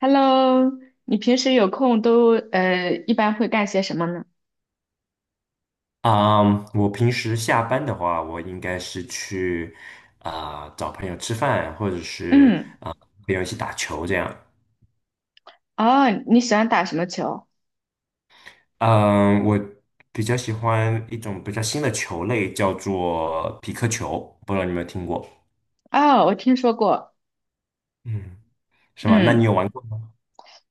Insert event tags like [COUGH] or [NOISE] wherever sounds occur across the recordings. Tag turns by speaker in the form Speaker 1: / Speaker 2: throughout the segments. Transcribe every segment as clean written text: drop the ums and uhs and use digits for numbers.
Speaker 1: Hello，你平时有空都一般会干些什么呢？
Speaker 2: 啊我平时下班的话，我应该是去找朋友吃饭，或者是
Speaker 1: 嗯。
Speaker 2: 朋友一起打球这样。
Speaker 1: 哦，你喜欢打什么球？
Speaker 2: 嗯，我比较喜欢一种比较新的球类，叫做匹克球，不知道你有没有听过？
Speaker 1: 哦，我听说过，
Speaker 2: 嗯，是吗？那你
Speaker 1: 嗯，
Speaker 2: 有玩过吗？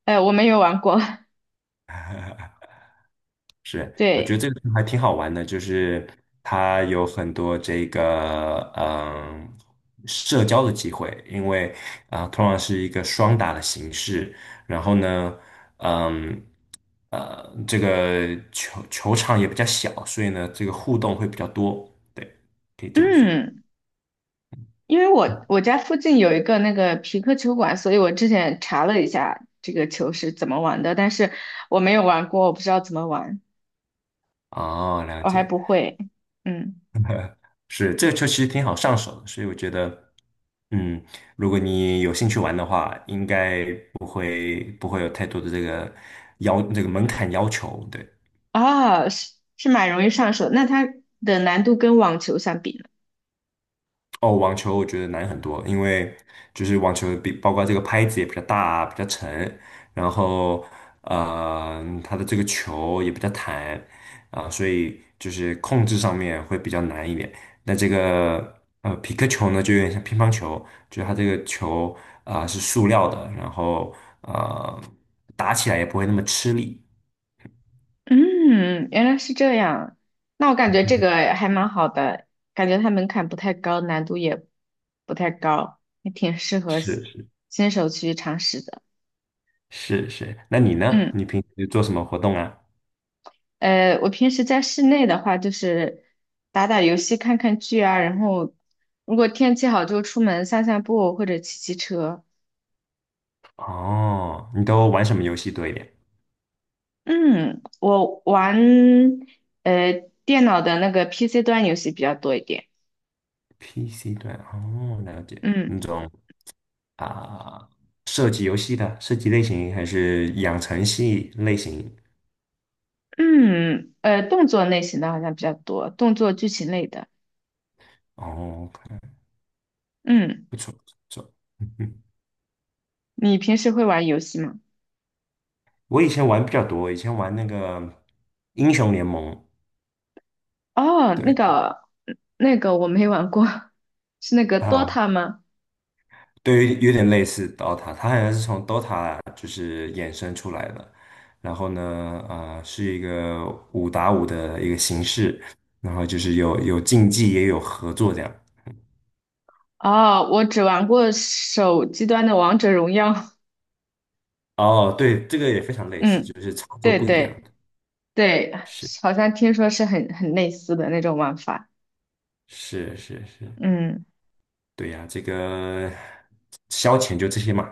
Speaker 1: 我没有玩过，
Speaker 2: 是，
Speaker 1: [LAUGHS]
Speaker 2: 我觉
Speaker 1: 对，
Speaker 2: 得这个还挺好玩的，就是它有很多这个社交的机会，因为通常是一个双打的形式，然后呢，嗯这个球场也比较小，所以呢这个互动会比较多，对，可以这么说。
Speaker 1: 嗯，因为
Speaker 2: 嗯，
Speaker 1: 我家附近有一个那个皮克球馆，所以我之前查了一下这个球是怎么玩的，但是我没有玩过，我不知道怎么玩，
Speaker 2: 哦，了
Speaker 1: 我还
Speaker 2: 解。
Speaker 1: 不会，嗯。
Speaker 2: [LAUGHS] 是，这个球其实挺好上手的，所以我觉得，嗯，如果你有兴趣玩的话，应该不会有太多的这个要这个门槛要求，对。
Speaker 1: 啊，是是蛮容易上手，那它的难度跟网球相比呢？
Speaker 2: 哦，网球我觉得难很多，因为就是网球比包括这个拍子也比较大啊比较沉，然后它的这个球也比较弹啊，所以就是控制上面会比较难一点。那这个皮克球呢，就有点像乒乓球，就是它这个球啊，是塑料的，然后呃打起来也不会那么吃力。
Speaker 1: 嗯，原来是这样。那我感觉这个还蛮好的，感觉它门槛不太高，难度也不太高，还挺适合新
Speaker 2: 是是
Speaker 1: 新手去尝试的。
Speaker 2: 是是，那你呢？
Speaker 1: 嗯，
Speaker 2: 你平时做什么活动啊？
Speaker 1: 我平时在室内的话，就是打打游戏、看看剧啊，然后如果天气好就出门散散步或者骑骑车。
Speaker 2: 哦，你都玩什么游戏多一点？
Speaker 1: 嗯，我玩呃电脑的那个 PC 端游戏比较多一点。
Speaker 2: PC 端哦，了解
Speaker 1: 嗯。
Speaker 2: 那种啊、射击游戏的射击类型，还是养成系类型？
Speaker 1: 嗯，动作类型的好像比较多，动作剧情类的。
Speaker 2: 哦，
Speaker 1: 嗯，
Speaker 2: 不错不错，嗯嗯，
Speaker 1: 你平时会玩游戏吗？
Speaker 2: 我以前玩比较多，以前玩那个英雄联盟，
Speaker 1: 哦，那
Speaker 2: 对
Speaker 1: 个，那个我没玩过，[LAUGHS] 是那个
Speaker 2: 啊，
Speaker 1: Dota 吗？
Speaker 2: 对，有点类似 DOTA，它好像是从 DOTA 就是衍生出来的，然后呢，是一个5打5的一个形式，然后就是有竞技也有合作这样。
Speaker 1: 哦，我只玩过手机端的王者荣耀。[LAUGHS]
Speaker 2: 哦，对，这个也非常类似，
Speaker 1: 嗯，
Speaker 2: 就是操作
Speaker 1: 对
Speaker 2: 不一样
Speaker 1: 对
Speaker 2: 的。
Speaker 1: 对，
Speaker 2: 是
Speaker 1: 好像听说是很类似的那种玩法。
Speaker 2: 是是是，
Speaker 1: 嗯，
Speaker 2: 对呀，这个消遣就这些嘛。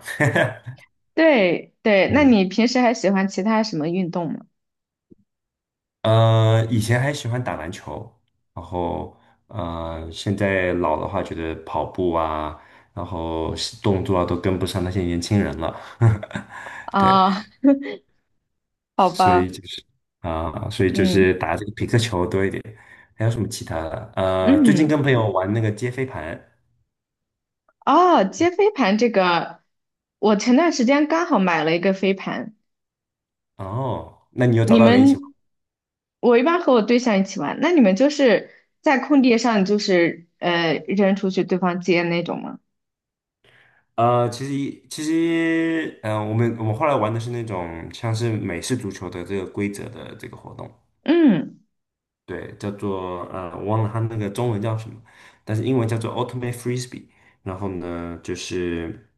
Speaker 1: 对对，那
Speaker 2: 嗯，
Speaker 1: 你平时还喜欢其他什么运动吗？
Speaker 2: 以前还喜欢打篮球，然后现在老的话，觉得跑步啊，然后动作啊都跟不上那些年轻人了。[LAUGHS] 对，
Speaker 1: 啊，好
Speaker 2: 所以
Speaker 1: 吧，
Speaker 2: 就是
Speaker 1: 嗯
Speaker 2: 打这个皮克球多一点。还有什么其他的？最近跟
Speaker 1: 嗯。
Speaker 2: 朋友玩那个接飞盘。
Speaker 1: 哦，接飞盘这个，我前段时间刚好买了一个飞盘。
Speaker 2: 哦，那你有找
Speaker 1: 你
Speaker 2: 到人一起？
Speaker 1: 们，我一般和我对象一起玩，那你们就是在空地上，就是扔出去，对方接那种吗？
Speaker 2: 其实，我们后来玩的是那种像是美式足球的这个规则的这个活动，
Speaker 1: 嗯，
Speaker 2: 对，叫做我忘了它那个中文叫什么，但是英文叫做 Ultimate Frisbee。然后呢，就是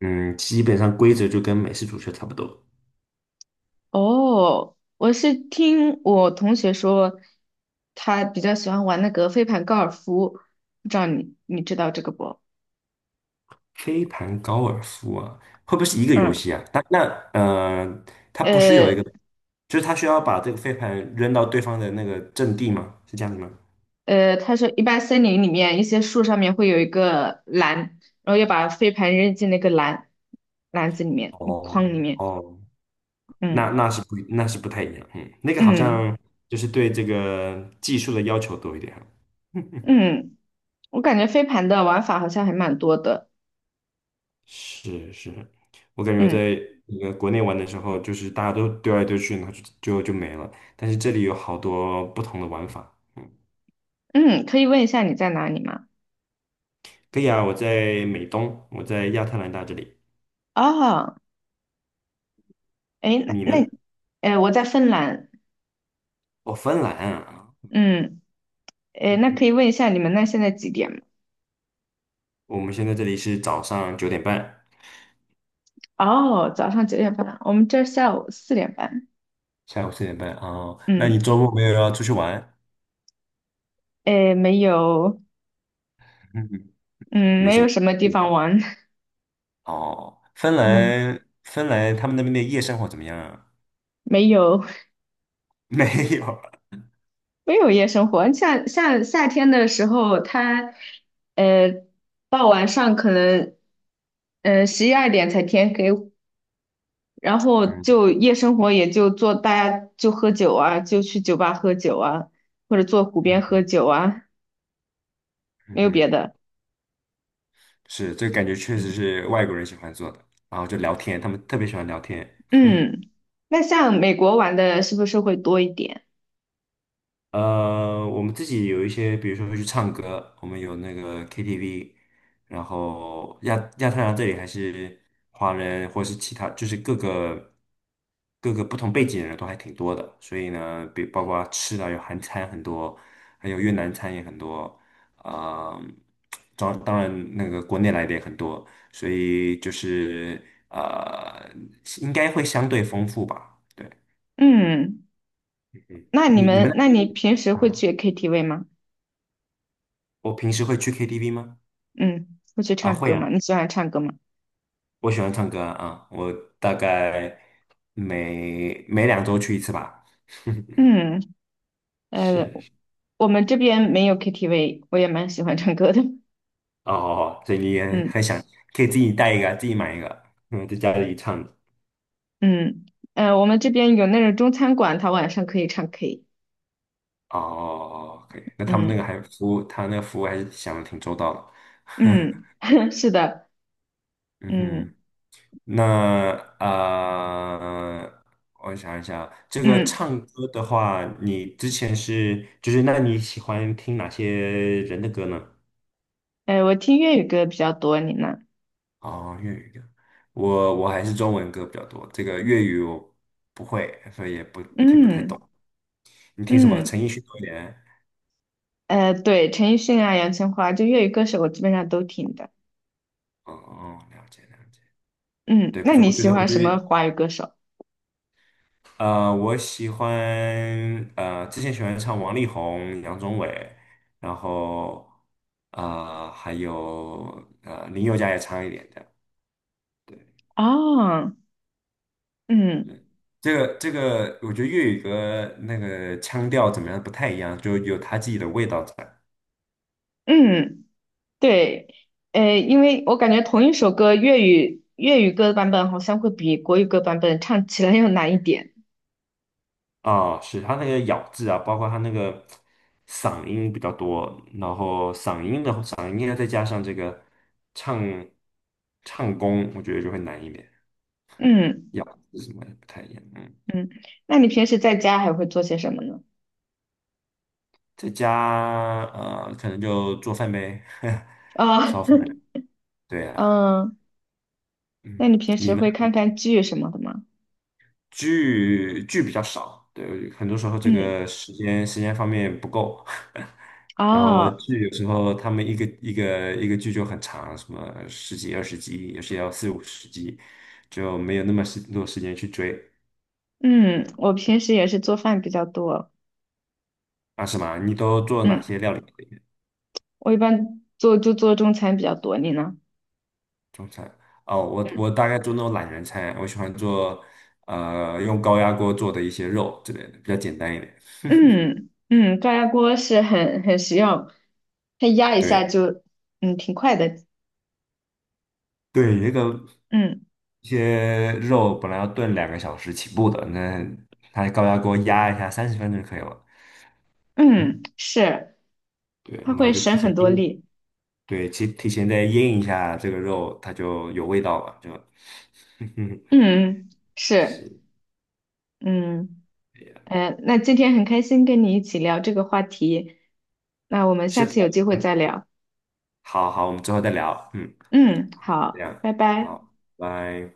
Speaker 2: 基本上规则就跟美式足球差不多。
Speaker 1: 哦，我是听我同学说，他比较喜欢玩那个飞盘高尔夫，不知道你知道这个不？
Speaker 2: 飞盘高尔夫啊，会不会是一个游
Speaker 1: 嗯，
Speaker 2: 戏啊？那那呃，它不是有一
Speaker 1: 呃，
Speaker 2: 个，就是它需要把这个飞盘扔到对方的那个阵地吗？是这样子吗？
Speaker 1: 他说一般森林里面一些树上面会有一个篮，然后要把飞盘扔进那个篮子里面筐里
Speaker 2: 哦
Speaker 1: 面。
Speaker 2: 哦
Speaker 1: 嗯
Speaker 2: 那是不太一样，那个好
Speaker 1: 嗯
Speaker 2: 像就是对这个技术的要求多一点啊。[LAUGHS]
Speaker 1: 嗯，我感觉飞盘的玩法好像还蛮多的。
Speaker 2: 是是，我感觉我
Speaker 1: 嗯
Speaker 2: 在那个国内玩的时候，就是大家都丢来丢去，然后就没了。但是这里有好多不同的玩法。
Speaker 1: 嗯，可以问一下你在哪里吗？
Speaker 2: 可以啊，我在美东，我在亚特兰大这里。
Speaker 1: 哦，哎，
Speaker 2: 你呢？
Speaker 1: 哎，我在芬兰。
Speaker 2: 哦，芬兰啊。
Speaker 1: 嗯，哎，那
Speaker 2: 嗯，
Speaker 1: 可以问一下你们那现在几点吗？
Speaker 2: 我们现在这里是早上9点半，
Speaker 1: 哦，早上9:30，我们这儿下午4:30。
Speaker 2: 下午4点半哦。那
Speaker 1: 嗯，
Speaker 2: 你周末没有要出去玩？
Speaker 1: 哎，没有，
Speaker 2: 嗯，
Speaker 1: 嗯，
Speaker 2: 没
Speaker 1: 没
Speaker 2: 什么
Speaker 1: 有什么地
Speaker 2: 计
Speaker 1: 方
Speaker 2: 划。
Speaker 1: 玩。
Speaker 2: 哦，芬
Speaker 1: [LAUGHS] 嗯。
Speaker 2: 兰，芬兰他们那边的夜生活怎么样啊？
Speaker 1: 没有
Speaker 2: [LAUGHS] 没有。
Speaker 1: [LAUGHS] 没有夜生活，像夏天的时候，它呃到晚上可能11、12点才天黑，然后
Speaker 2: 嗯
Speaker 1: 就夜生活也就做大家就喝酒啊，就去酒吧喝酒啊，或者坐湖边
Speaker 2: 嗯
Speaker 1: 喝
Speaker 2: 嗯
Speaker 1: 酒啊，
Speaker 2: 嗯，
Speaker 1: 没有别
Speaker 2: 嗯，
Speaker 1: 的。
Speaker 2: 是，这个感觉确实是外国人喜欢做的，然后就聊天，他们特别喜欢聊天。
Speaker 1: 嗯，那像美国玩的是不是会多一点？
Speaker 2: 我们自己有一些，比如说会去唱歌，我们有那个 KTV，然后亚太兰大这里还是华人或是其他，就是各个不同背景的人都还挺多的，所以呢，比包括吃的有韩餐很多，还有越南餐也很多，啊、当然那个国内来的也很多，所以就是呃，应该会相对丰富吧。对，
Speaker 1: 嗯，那你
Speaker 2: 你们
Speaker 1: 们那
Speaker 2: 那
Speaker 1: 你
Speaker 2: 边，
Speaker 1: 平时会
Speaker 2: 啊
Speaker 1: 去 KTV 吗？
Speaker 2: 我平时会去 KTV 吗？
Speaker 1: 嗯，会去
Speaker 2: 啊，
Speaker 1: 唱
Speaker 2: 会
Speaker 1: 歌吗？
Speaker 2: 啊，
Speaker 1: 你喜欢唱歌吗？
Speaker 2: 我喜欢唱歌啊，我大概每2周去一次吧。[LAUGHS]
Speaker 1: 嗯，
Speaker 2: 是，
Speaker 1: 呃，
Speaker 2: 是
Speaker 1: 我们这边没有 KTV，我也蛮喜欢唱歌的。
Speaker 2: 哦，所以你也
Speaker 1: 嗯
Speaker 2: 很想，可以自己带一个，自己买一个，在家里唱。
Speaker 1: 嗯我们这边有那种中餐馆，他晚上可以唱 K。
Speaker 2: 哦哦哦可以。那他们那
Speaker 1: 嗯
Speaker 2: 个还服务，他那个服务还是想的挺周到的。
Speaker 1: 嗯，[LAUGHS] 是的，
Speaker 2: 嗯
Speaker 1: 嗯
Speaker 2: 哼，那呃，我想一想，这个
Speaker 1: 嗯，
Speaker 2: 唱歌的话，你之前是，就是那你喜欢听哪些人的歌呢？
Speaker 1: 我听粤语歌比较多，你呢？
Speaker 2: 哦，粤语歌，我还是中文歌比较多，这个粤语我不会，所以也不听不太
Speaker 1: 嗯
Speaker 2: 懂。你听什么？
Speaker 1: 嗯，
Speaker 2: 陈奕迅多一点。
Speaker 1: 对，陈奕迅啊，杨千嬅，就粤语歌手我基本上都听的。
Speaker 2: 哦哦，了解了解。
Speaker 1: 嗯，
Speaker 2: 对，不
Speaker 1: 那
Speaker 2: 错，
Speaker 1: 你
Speaker 2: 我觉
Speaker 1: 喜
Speaker 2: 得我
Speaker 1: 欢
Speaker 2: 觉
Speaker 1: 什么
Speaker 2: 得
Speaker 1: 华语歌手？
Speaker 2: 我喜欢之前喜欢唱王力宏、杨宗纬，然后还有林宥嘉也唱一点的。对，
Speaker 1: 哦，嗯
Speaker 2: 这个我觉得粤语歌那个腔调怎么样不太一样，就有他自己的味道在。
Speaker 1: 嗯。对，因为我感觉同一首歌粤语歌版本好像会比国语歌版本唱起来 [LAUGHS] 要难一点。
Speaker 2: 哦，是他那个咬字啊，包括他那个嗓音比较多，然后嗓音的嗓音呢，再加上这个唱唱功，我觉得就会难一点，
Speaker 1: 嗯
Speaker 2: 咬字什么的不太一样。嗯，
Speaker 1: 嗯，那你平时在家还会做些什么呢？
Speaker 2: 在家可能就做饭呗，[LAUGHS]
Speaker 1: 啊，
Speaker 2: 烧饭。对
Speaker 1: [LAUGHS]
Speaker 2: 啊，
Speaker 1: 嗯，
Speaker 2: 嗯，
Speaker 1: 那你平
Speaker 2: 你
Speaker 1: 时
Speaker 2: 呢？
Speaker 1: 会看看剧什么的吗？
Speaker 2: 剧比较少，对，很多时候这
Speaker 1: 嗯，
Speaker 2: 个时间方面不够，[LAUGHS] 然后
Speaker 1: 哦，
Speaker 2: 剧有时候他们一个剧就很长，什么十几20集，有时也要四五十集，就没有那么时多时间去追。
Speaker 1: 嗯，
Speaker 2: 嗯，
Speaker 1: 我平时也是做饭比较多。
Speaker 2: 啊，什么？你都做哪
Speaker 1: 嗯，
Speaker 2: 些料理？
Speaker 1: 我一般做就做中餐比较多，你呢？
Speaker 2: 中餐？哦，我大概做那种懒人餐，我喜欢做用高压锅做的一些肉之类的，比较简单一点。
Speaker 1: 嗯嗯，高压锅是很实用，它压一下
Speaker 2: 对
Speaker 1: 就挺快的。
Speaker 2: 对，那个。
Speaker 1: 嗯。
Speaker 2: 一些肉本来要炖2个小时起步的，那它高压锅压一下30分钟就可以了。
Speaker 1: 嗯，
Speaker 2: 嗯，
Speaker 1: 是，
Speaker 2: 对，
Speaker 1: 他
Speaker 2: 然后
Speaker 1: 会
Speaker 2: 就
Speaker 1: 省
Speaker 2: 提前
Speaker 1: 很多
Speaker 2: 腌，
Speaker 1: 力。
Speaker 2: 对，提前再腌一下这个肉，它就有味道了，就，[LAUGHS]
Speaker 1: 嗯，是，
Speaker 2: 是
Speaker 1: 嗯，
Speaker 2: 这呀，
Speaker 1: 那今天很开心跟你一起聊这个话题，那我们
Speaker 2: 是
Speaker 1: 下
Speaker 2: 的，
Speaker 1: 次有机会
Speaker 2: 嗯，
Speaker 1: 再聊。
Speaker 2: 好好，我们之后再聊，嗯，
Speaker 1: 嗯，
Speaker 2: 这
Speaker 1: 好，
Speaker 2: 样，
Speaker 1: 拜拜。
Speaker 2: 好，拜。